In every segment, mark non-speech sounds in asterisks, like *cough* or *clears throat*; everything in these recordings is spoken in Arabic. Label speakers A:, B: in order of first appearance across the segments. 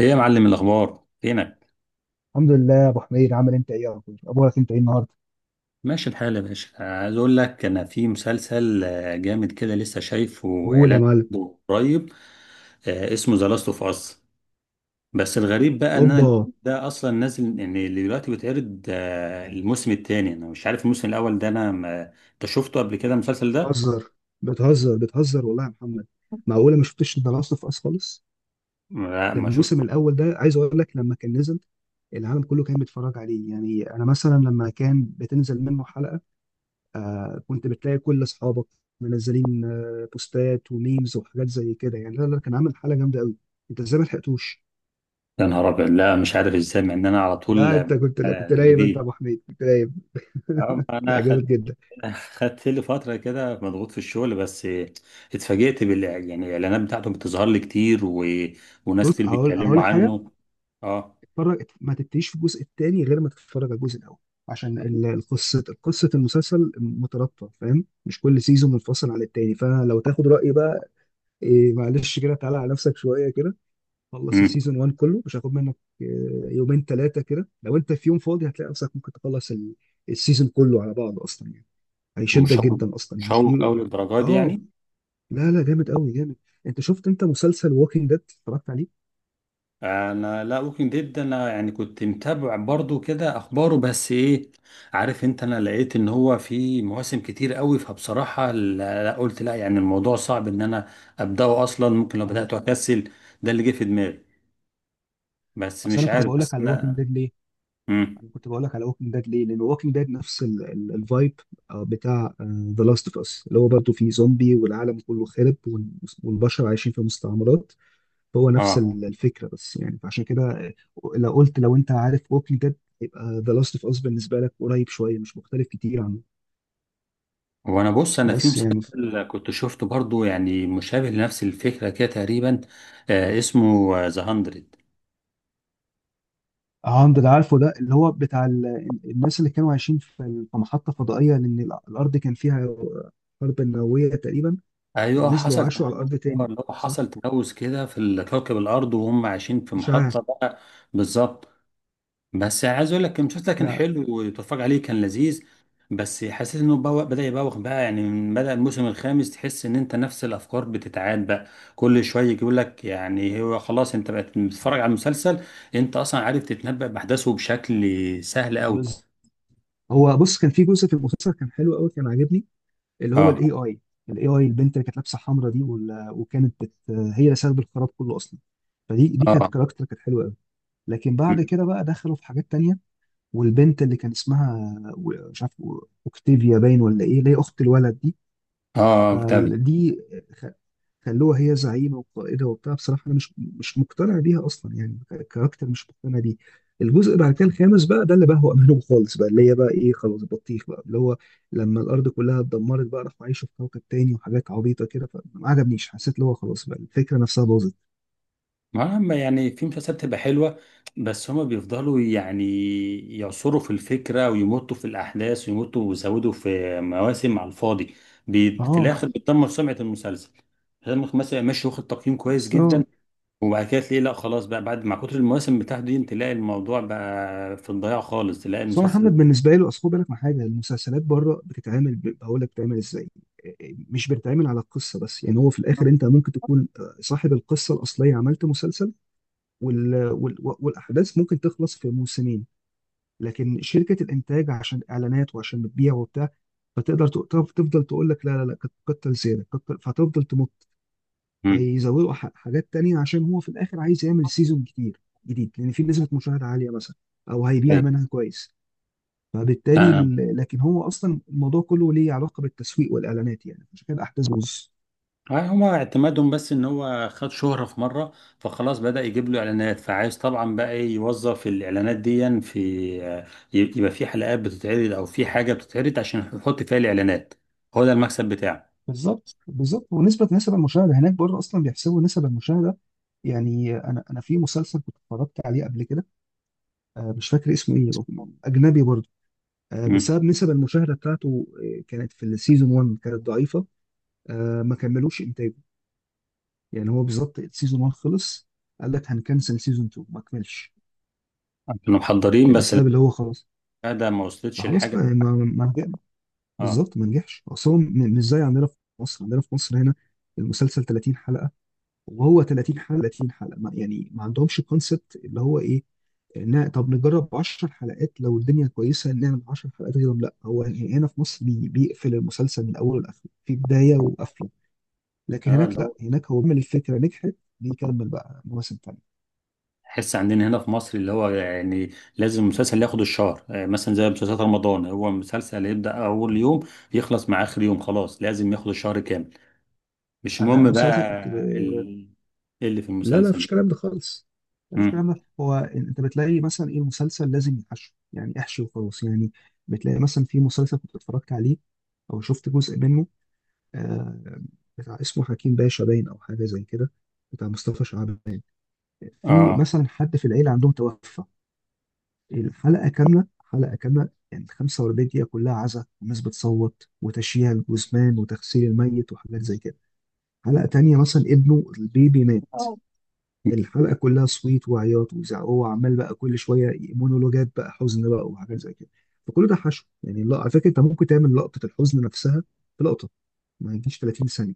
A: ايه يا معلم، الاخبار فينك؟
B: الحمد لله يا ابو حميد، عامل انت ايه يا رب؟ اخبارك انت ايه النهارده؟
A: ماشي الحال يا باشا، عايز اقول لك انا في مسلسل جامد كده، لسه شايفه
B: قول يا
A: اعلان
B: معلم.
A: عنه قريب. اسمه ذا لاست اوف اس. بس الغريب بقى ان انا
B: اوبا.
A: ده اصلا نازل، يعني اللي دلوقتي بيتعرض الموسم الثاني. انا مش عارف الموسم الاول ده، انا ما... انت شفته قبل كده المسلسل ده؟
B: بتهزر بتهزر بتهزر والله يا محمد. معقوله ما شفتش ذا لاست اوف اس خالص؟
A: لا
B: ده
A: ما شفت.
B: الموسم الاول، ده عايز اقول لك، لما كان نزل العالم كله كان بيتفرج عليه. يعني انا مثلا لما كان بتنزل منه حلقه، كنت بتلاقي كل اصحابك منزلين، بوستات وميمز وحاجات زي كده. يعني لا لا، كان عامل حلقه جامده قوي. انت ازاي ما لحقتوش؟
A: يا نهار ابيض، لا مش عارف ازاي مع ان انا على طول
B: لا انت كنت، لا كنت نايم، انت يا ابو
A: جديد.
B: حميد كنت نايم. *laughs*
A: ما
B: لا
A: انا
B: جامد جدا.
A: خدت لي فترة كده مضغوط في الشغل بس. اتفاجئت يعني الإعلانات بتاعته بتظهر لي كتير وناس
B: بص،
A: كتير
B: هقول
A: بيتكلموا
B: لك حاجه.
A: عنه. اه.
B: اتفرج، ما تبتديش في الجزء الثاني غير ما تتفرج على الجزء الاول. عشان القصه، قصه المسلسل مترابطه، فاهم؟ مش كل سيزون منفصل عن التاني. فلو تاخد رايي بقى، إيه معلش كده، تعالى على نفسك شويه كده. خلص
A: امم
B: السيزون 1 كله، مش هاخد منك إيه، يومين ثلاثه كده. لو انت في يوم فاضي هتلاقي نفسك ممكن تخلص السيزون كله على بعض اصلا، يعني هيشدك
A: مشوق
B: جدا اصلا، يعني
A: مشوق
B: في.
A: أوي للدرجة دي
B: اه
A: يعني؟
B: لا لا، جامد قوي جامد. انت شفت انت مسلسل ووكينج ديد، اتفرجت عليه؟
A: أنا لا، ممكن ديد، أنا يعني كنت متابع برضو كده أخباره، بس إيه عارف أنت، أنا لقيت إن هو في مواسم كتير أوي، فبصراحة لا لا، قلت لا، يعني الموضوع صعب إن أنا أبدأه أصلا، ممكن لو
B: اه.
A: بدأته أكسل. ده اللي جه في دماغي. بس
B: اصل
A: مش
B: انا كنت
A: عارف،
B: بقول لك
A: بس
B: على ووكينج
A: أنا.
B: ديد.
A: امم
B: انا كنت بقول لك على ووكينج ديد ليه؟ لان ووكينج ديد نفس الفايب بتاع ذا لاست اوف اس، اللي هو برضه فيه زومبي والعالم كله خرب والبشر عايشين في مستعمرات. هو نفس
A: اه.
B: الفكره، بس يعني فعشان كده. لو قلت، لو انت عارف ووكينج ديد يبقى ذا لاست اوف اس بالنسبه لك قريب شويه، مش مختلف كتير عنه.
A: وانا بص، انا في
B: بس يعني
A: مسلسل كنت شفته برضو يعني مشابه لنفس الفكره كده تقريبا. اسمه ذا هاندرد.
B: عند اللي عارفه، ده اللي هو بتاع الناس اللي كانوا عايشين في في محطه فضائيه، لان الارض كان فيها حرب نوويه تقريبا.
A: ايوه،
B: ونزلوا
A: حصل
B: عاشوا على
A: تلوث.
B: الارض تاني.
A: اللي هو
B: صح.
A: حصل تلوث كده في كوكب الارض، وهم عايشين في
B: اشعاع.
A: محطه بقى. بالظبط. بس عايز اقول لك، المسلسل ده كان
B: لا.
A: حلو وتتفرج عليه كان لذيذ، بس حسيت انه بوق بدأ يبوخ بقى، يعني من بدأ الموسم الخامس تحس ان انت نفس الافكار بتتعاد بقى، كل شويه يقول لك يعني هو خلاص انت بقت بتتفرج على المسلسل، انت اصلا عارف تتنبأ باحداثه بشكل سهل قوي.
B: بز... هو بص، كان في جزء في المسلسل كان حلو قوي، كان عاجبني، اللي هو
A: اه
B: الاي اي. الاي اي البنت اللي كانت لابسه حمرا دي، هي اللي سبب الخراب كله اصلا. فدي كانت
A: اه.
B: كاركتر كانت حلوه قوي. لكن بعد
A: م.
B: كده بقى دخلوا في حاجات تانية. والبنت اللي كان اسمها، مش عارف، اوكتيفيا باين ولا ايه، اللي هي اخت الولد دي.
A: اه كتاب.
B: فدي خ- خلوها هي زعيمه وقائده وبتاع. بصراحه انا مش مقتنع بيها اصلا، يعني كاركتر مش مقتنع بيه. الجزء بعد كده الخامس بقى، ده اللي بهوأ منهم خالص بقى، اللي هي بقى ايه، خلاص بطيخ بقى، اللي هو لما الارض كلها اتدمرت بقى راحوا عايشوا في كوكب تاني وحاجات عبيطه كده. فما عجبنيش، حسيت اللي هو خلاص بقى الفكره نفسها باظت.
A: ما هم يعني في مسلسلات بتبقى حلوة، بس هما بيفضلوا يعني يعصروا في الفكرة ويمطوا في الأحداث ويمطوا ويزودوا في مواسم على الفاضي. في
B: اه
A: الآخر بتدمر سمعة المسلسل. المسلسل مثلا ماشي واخد تقييم كويس
B: اصلا.
A: جدا، وبعد كده تلاقيه لا خلاص بقى، بعد مع كتر المواسم بتاعته دي تلاقي الموضوع بقى في الضياع خالص، تلاقي
B: اصل هو محمد
A: المسلسل.
B: بالنسبه له، اصل خد بالك من حاجه. المسلسلات بره بتتعمل، بقول لك بتتعمل ازاي. مش بتتعمل على القصه بس. يعني هو في الاخر انت ممكن تكون صاحب القصه الاصليه، عملت مسلسل، والاحداث ممكن تخلص في موسمين، لكن شركه الانتاج عشان اعلانات وعشان بتبيع وبتاع، فتقدر تفضل تقول لك لا لا لا، كتر زياده كتر، فهتفضل تمط.
A: مم.
B: فيزودوا حاجات تانية عشان هو في الاخر عايز يعمل سيزون كتير جديد، لان في نسبه مشاهده عاليه مثلا، او هيبيع منها كويس. فبالتالي
A: أيوة.
B: لكن هو اصلا الموضوع كله ليه علاقه بالتسويق والاعلانات، يعني عشان كده الاحداث بتبوظ.
A: هاي هما اعتمادهم بس ان هو خد شهرة في مرة، فخلاص بدأ يجيب له اعلانات، فعايز طبعا بقى إيه يوظف الاعلانات دي في يبقى في حلقات بتتعرض او في حاجة بتتعرض عشان يحط فيها الاعلانات. هو ده المكسب بتاعه.
B: بالظبط بالظبط. ونسبه نسب المشاهده هناك بره اصلا بيحسبوا نسب المشاهده. يعني انا في مسلسل كنت اتفرجت عليه قبل كده، مش فاكر اسمه ايه، اجنبي برضه.
A: مم.
B: بسبب نسب المشاهده بتاعته، كانت في السيزون 1 كانت ضعيفه، ما كملوش انتاجه. يعني هو بالظبط السيزون 1 خلص، قال لك هنكنسل. سيزون 2 ما كملش،
A: كانوا محضرين بس.
B: بسبب اللي هو خلاص.
A: ده ما وصلتش
B: فخلاص
A: الحاجة.
B: بقى
A: اه
B: بالظبط ما نجحش اصلا، مش زي عندنا في مصر هنا المسلسل 30 حلقه، وهو 30 حلقه 30 حلقه، ما يعني ما عندهمش كونسبت اللي هو ايه. طب نجرب 10 حلقات، لو الدنيا كويسه نعمل 10 حلقات غيرهم. لا، هو يعني هنا في مصر بيقفل المسلسل من اوله لاخره في بدايه وقفله. لكن
A: اه
B: هناك
A: اللي هو.
B: لا، هناك هو بيعمل، الفكره نجحت بيكمل بقى مواسم تانيه.
A: تحس عندنا هنا في مصر اللي هو يعني لازم المسلسل ياخد الشهر، مثلا زي مسلسلات رمضان، هو مسلسل يبدأ أول يوم يخلص مع آخر يوم، خلاص لازم ياخد الشهر كامل، مش
B: انا
A: مهم
B: مسلسل
A: بقى.
B: كنت
A: ال... إيه اللي في
B: لا لا مفيش
A: المسلسل؟
B: كلام ده خالص. مفيش
A: مم.
B: كلام ده. هو انت بتلاقي مثلا ايه، المسلسل لازم يحشو، يعني احشي وخلاص يعني. بتلاقي مثلا في مسلسل كنت اتفرجت عليه او شفت جزء منه، آه بتاع اسمه حكيم باشا باين، او حاجه زي كده، بتاع مصطفى شعبان. في
A: اه
B: مثلا حد في العيله عندهم توفى، الحلقه كامله، حلقه كامله، يعني 45 دقيقه كلها عزا والناس بتصوت وتشييع الجثمان وتغسيل الميت وحاجات زي كده. حلقه تانيه مثلا ابنه البيبي مات،
A: اه،
B: الحلقه كلها صويت وعياط وزعق، هو عمال بقى كل شويه مونولوجات بقى، حزن بقى وحاجات زي كده. فكل ده حشو، يعني لا على فكره انت ممكن تعمل لقطه الحزن نفسها في لقطه ما يجيش 30 ثانيه،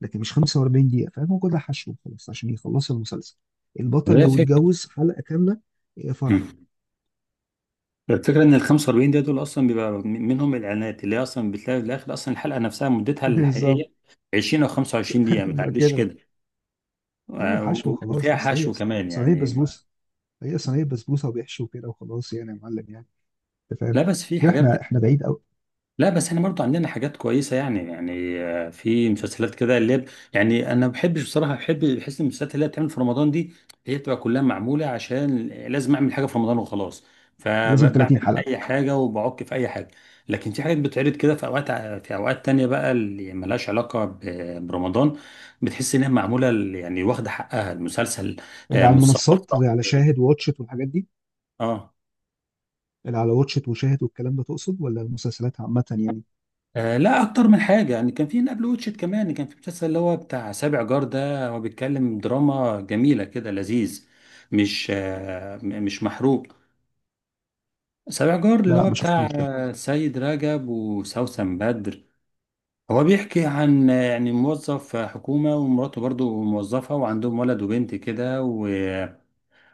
B: لكن مش 45 دقيقه، فاهم؟ هو كل ده حشو خلاص عشان يخلص المسلسل. البطل
A: هي
B: لو
A: الفكرة.
B: اتجوز حلقه كامله. إيه
A: مم.
B: فرح.
A: الفكرة ان ال 45 دقيقة دول اصلا بيبقى منهم الاعلانات، اللي هي اصلا بتلاقي في الاخر اصلا الحلقة نفسها مدتها
B: *laughs* بالظبط.
A: الحقيقية 20 او 25 دقيقة
B: *laughs*
A: ما
B: يبقى
A: تعديش
B: كده.
A: كده.
B: اي حشو خلاص،
A: وفيها
B: بس هي
A: حشو كمان
B: صينيه
A: يعني.
B: بسبوسه. هي صينيه بسبوسه وبيحشو كده وخلاص، يعني يا معلم، يعني انت فاهم،
A: لا بس في
B: مش كده،
A: حاجات.
B: احنا بعيد قوي.
A: لا بس احنا برضو عندنا حاجات كويسة يعني في مسلسلات كده يعني انا ما بحبش بصراحة، بحس إن المسلسلات اللي هي بتعمل في رمضان دي هي بتبقى كلها معمولة عشان لازم اعمل حاجة في رمضان وخلاص.
B: لازم
A: فبعمل
B: 30 حلقه.
A: اي حاجة وبعك في اي حاجة. لكن في حاجات بتعرض كده في اوقات تانية بقى اللي ملهاش علاقة برمضان، بتحس انها معمولة يعني واخدة حقها المسلسل.
B: اللي على
A: متصور
B: المنصات زي
A: صح.
B: على شاهد وواتشت والحاجات دي.
A: اه.
B: اللي على واتشت وشاهد والكلام ده تقصد، ولا المسلسلات عامة يعني؟
A: لا، اكتر من حاجه، يعني كان في نابل ووتشت، كمان كان في مسلسل اللي هو بتاع سابع جار ده، هو بيتكلم دراما جميله كده لذيذ، مش مش محروق. سابع جار اللي
B: لا
A: هو
B: ما
A: بتاع
B: شفتوش ده.
A: سيد رجب وسوسن بدر. هو بيحكي عن يعني موظف حكومه ومراته برضو موظفه، وعندهم ولد وبنت كده،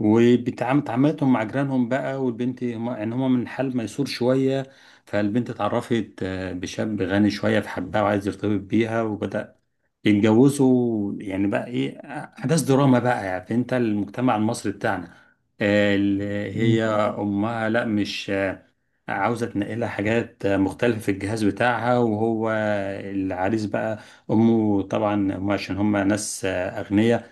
A: وبتعاملتهم مع جيرانهم بقى، والبنت هم ان هم من حال ميسور شويه. فالبنت اتعرفت بشاب غني شويه فحبها وعايز يرتبط بيها، وبدأ يتجوزوا يعني بقى ايه، احداث دراما بقى. يعني انت المجتمع المصري بتاعنا اللي
B: مم.
A: هي امها، لا مش عاوزه تنقلها حاجات مختلفه في الجهاز بتاعها. وهو العريس بقى، امه طبعا هم عشان هم ناس اغنياء،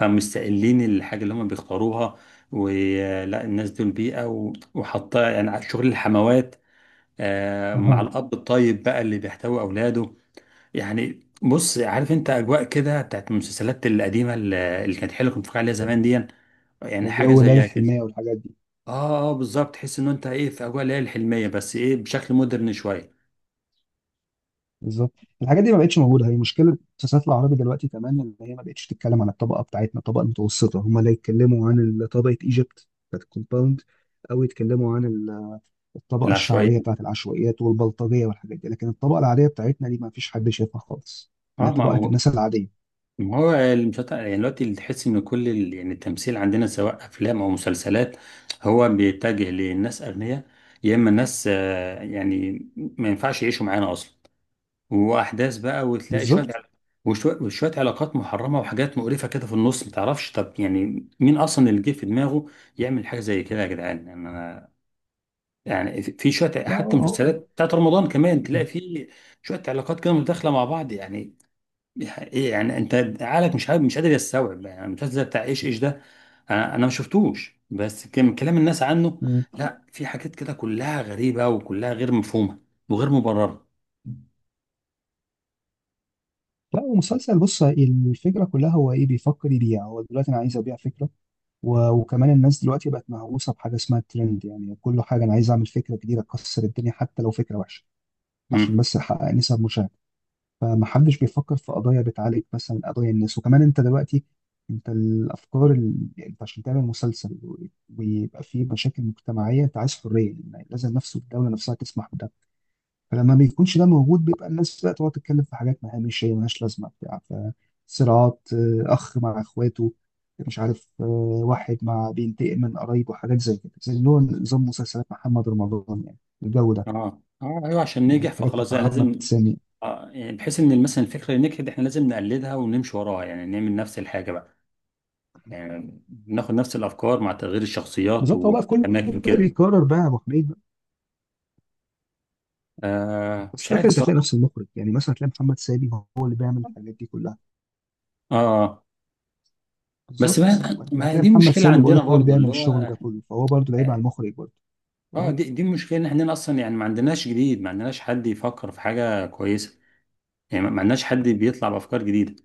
A: فمستقلين الحاجة اللي هم بيختاروها ولا الناس دول بيئة، وحاطة يعني على شغل الحموات. مع
B: اها.
A: الأب الطيب بقى اللي بيحتوي أولاده. يعني بص، عارف أنت أجواء كده بتاعت المسلسلات القديمة اللي كانت حلوة كنت بتفرج عليها زمان دي، يعني حاجة
B: جو ليالي
A: زيها كده.
B: الحلمية والحاجات دي.
A: اه اه، بالظبط، تحس ان انت ايه في اجواء اللي هي الحلمية، بس ايه بشكل مودرن شوية.
B: بالظبط. الحاجات دي ما بقتش موجودة، هي مشكلة المسلسلات العربي دلوقتي، كمان ان هي ما بقتش تتكلم عن الطبقة بتاعتنا، الطبقة المتوسطة. هم لا، يتكلموا عن طبقة ايجيبت بتاعت الكومباوند، او يتكلموا عن الطبقة
A: العشوائية.
B: الشعبية بتاعت العشوائيات والبلطجية والحاجات دي، لكن الطبقة العادية بتاعتنا دي ما فيش حد شايفها خالص.
A: اه،
B: لا،
A: ما
B: طبقة
A: هو.
B: الناس العادية.
A: ما هو المسلسل يعني دلوقتي، اللي تحس ان كل يعني التمثيل عندنا سواء افلام او مسلسلات، هو بيتجه للناس اغنياء، يا اما الناس يعني ما ينفعش يعيشوا معانا اصلا، واحداث بقى، وتلاقي شويه
B: بالظبط.
A: وشويه وشوية علاقات محرمه وحاجات مقرفه كده في النص، ما تعرفش طب يعني مين اصلا اللي جه في دماغه يعمل حاجه زي كده يا جدعان. يعني انا، يعني في شويه
B: لا
A: حتى
B: اه.
A: مسلسلات بتاعت رمضان كمان تلاقي في شويه علاقات كده متداخله مع بعض يعني. دي حقيقة. يعني انت عقلك مش قادر يستوعب، يعني المسلسل بتاع ايش ايش ده. أنا ما شفتوش بس كان كلام الناس عنه.
B: آه. *clears throat*
A: لا في حاجات كده كلها غريبة وكلها غير مفهومة وغير مبررة.
B: لا ومسلسل، بص الفكره كلها، هو ايه بيفكر يبيع. هو دلوقتي انا عايز ابيع فكره، وكمان الناس دلوقتي بقت مهووسه بحاجه اسمها الترند، يعني كل حاجه انا عايز اعمل فكره جديده تكسر الدنيا حتى لو فكره وحشه، عشان
A: امم
B: بس احقق نسب مشاهده. فمحدش بيفكر في قضايا بتعالج مثلا قضايا الناس. وكمان انت دلوقتي، انت الافكار. يعني انت عشان تعمل مسلسل ويبقى فيه مشاكل مجتمعيه، انت عايز حريه، يعني لازم نفسه الدوله نفسها تسمح بده. فلما ما بيكونش ده موجود، بيبقى الناس بقى تقعد تتكلم في حاجات ما، مش هي ملهاش لازمه بتاع، فصراعات. اخ مع اخواته، مش عارف، واحد بينتقم من قرايبه، حاجات زي كده، زي اللي هو نظام مسلسلات محمد رمضان يعني، الجو ده،
A: اه اه ايوه، عشان ننجح
B: الحاجات بتاعت
A: فخلاص انا
B: محمد
A: لازم.
B: سامي.
A: يعني بحيث ان مثلا الفكرة اللي نجحت احنا لازم نقلدها ونمشي وراها، يعني نعمل نفس الحاجة بقى، يعني ناخد نفس الافكار مع تغيير الشخصيات
B: بالظبط. هو بقى كله
A: والاماكن
B: بقى
A: كده.
B: بيكرر بقى يا ابو حميد بقى، بس في
A: مش عارف
B: الاخر انت هتلاقي
A: الصراحة.
B: نفس المخرج، يعني مثلا هتلاقي محمد سامي هو اللي بيعمل الحاجات دي كلها.
A: اه، بس
B: بالظبط،
A: ما
B: انت
A: ما هي
B: هتلاقي
A: دي
B: محمد
A: مشكلة
B: سامي، بقول
A: عندنا
B: لك هو اللي
A: برضو
B: بيعمل
A: اللي
B: الشغل ده
A: هو.
B: كله، فهو برضه لعيب
A: اه.
B: على المخرج برضه. أه؟
A: دي المشكله ان احنا اصلا يعني ما عندناش جديد، ما عندناش حد يفكر في حاجه كويسه، يعني ما عندناش حد بيطلع بافكار جديده.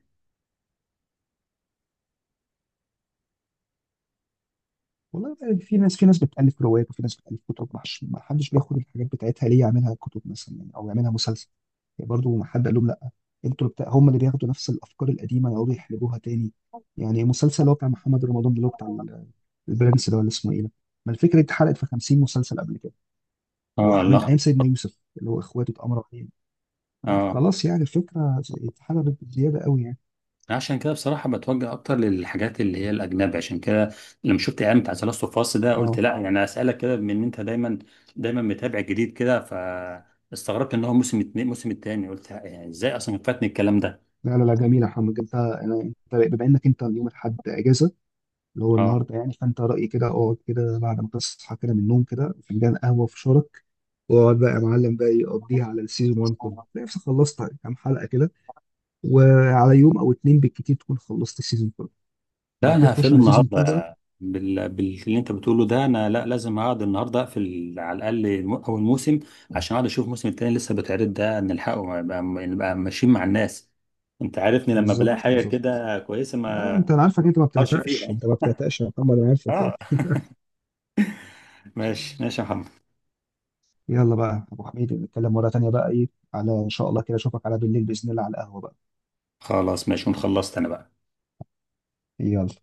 B: والله بقى، في ناس بتألف روايات، وفي ناس بتألف كتب، ما حدش بياخد الحاجات بتاعتها ليه، يعملها كتب مثلا يعني، او يعملها مسلسل. يعني برضه ما حد قال لهم لا، انتوا اللي بتاع، هم اللي بياخدوا نفس الافكار القديمه يقعدوا يحلبوها تاني. يعني المسلسل اللي هو بتاع محمد رمضان ده، اللي هو بتاع البرنس ده ولا اسمه ايه ده، ما الفكره دي اتحرقت في 50 مسلسل قبل كده،
A: اه
B: ومن
A: الله.
B: ايام سيدنا يوسف اللي هو اخواته اتأمروا عليه.
A: اه.
B: فخلاص يعني الفكره اتحلبت بزياده قوي يعني.
A: عشان كده بصراحه بتوجه اكتر للحاجات اللي هي الاجنبي، عشان كده لما شفت اعلان بتاع ثلاث فاصل ده قلت
B: اه.
A: لا، يعني اسالك كده بما ان انت دايما دايما متابع جديد كده، فاستغربت ان هو موسم التاني، قلت يعني ازاي اصلا فاتني الكلام ده.
B: لا لا لا، جميله يا محمد. انت انت بما انك انت اليوم الاحد اجازه، اللي هو النهارده يعني، فانت رايي كده اقعد كده بعد ما تصحى كده من النوم كده فنجان قهوه في شارك، واقعد بقى يا معلم بقى، يقضيها على السيزون 1 كله،
A: اه.
B: تلاقي نفسك خلصت كام حلقه كده، وعلى يوم او اتنين بالكتير تكون خلصت السيزون كله،
A: لا
B: وبعد كده
A: انا
B: تخش
A: هقفله
B: على سيزون 2 بقى.
A: النهارده باللي انت بتقوله ده، انا لا لازم اقعد النهارده اقفل على الاقل اول موسم، عشان اقعد اشوف الموسم التاني لسه بيتعرض ده نلحقه، نبقى ماشيين مع الناس. انت عارفني لما بلاقي
B: بالظبط
A: حاجه
B: بالظبط.
A: كده كويسه
B: لا
A: ما
B: انت، انا عارفك انت ما
A: اقرش
B: بتعتقش،
A: فيها.
B: انت ما بتعتقش يا محمد، انا عارفك يعني.
A: اه. ماشي ماشي يا محمد.
B: يلا بقى يا ابو حميد، نتكلم مره تانيه بقى ايه، على ان شاء الله كده اشوفك على بالليل باذن الله على القهوه بقى.
A: خلاص ماشي، ونخلصت انا بقى.
B: يلا.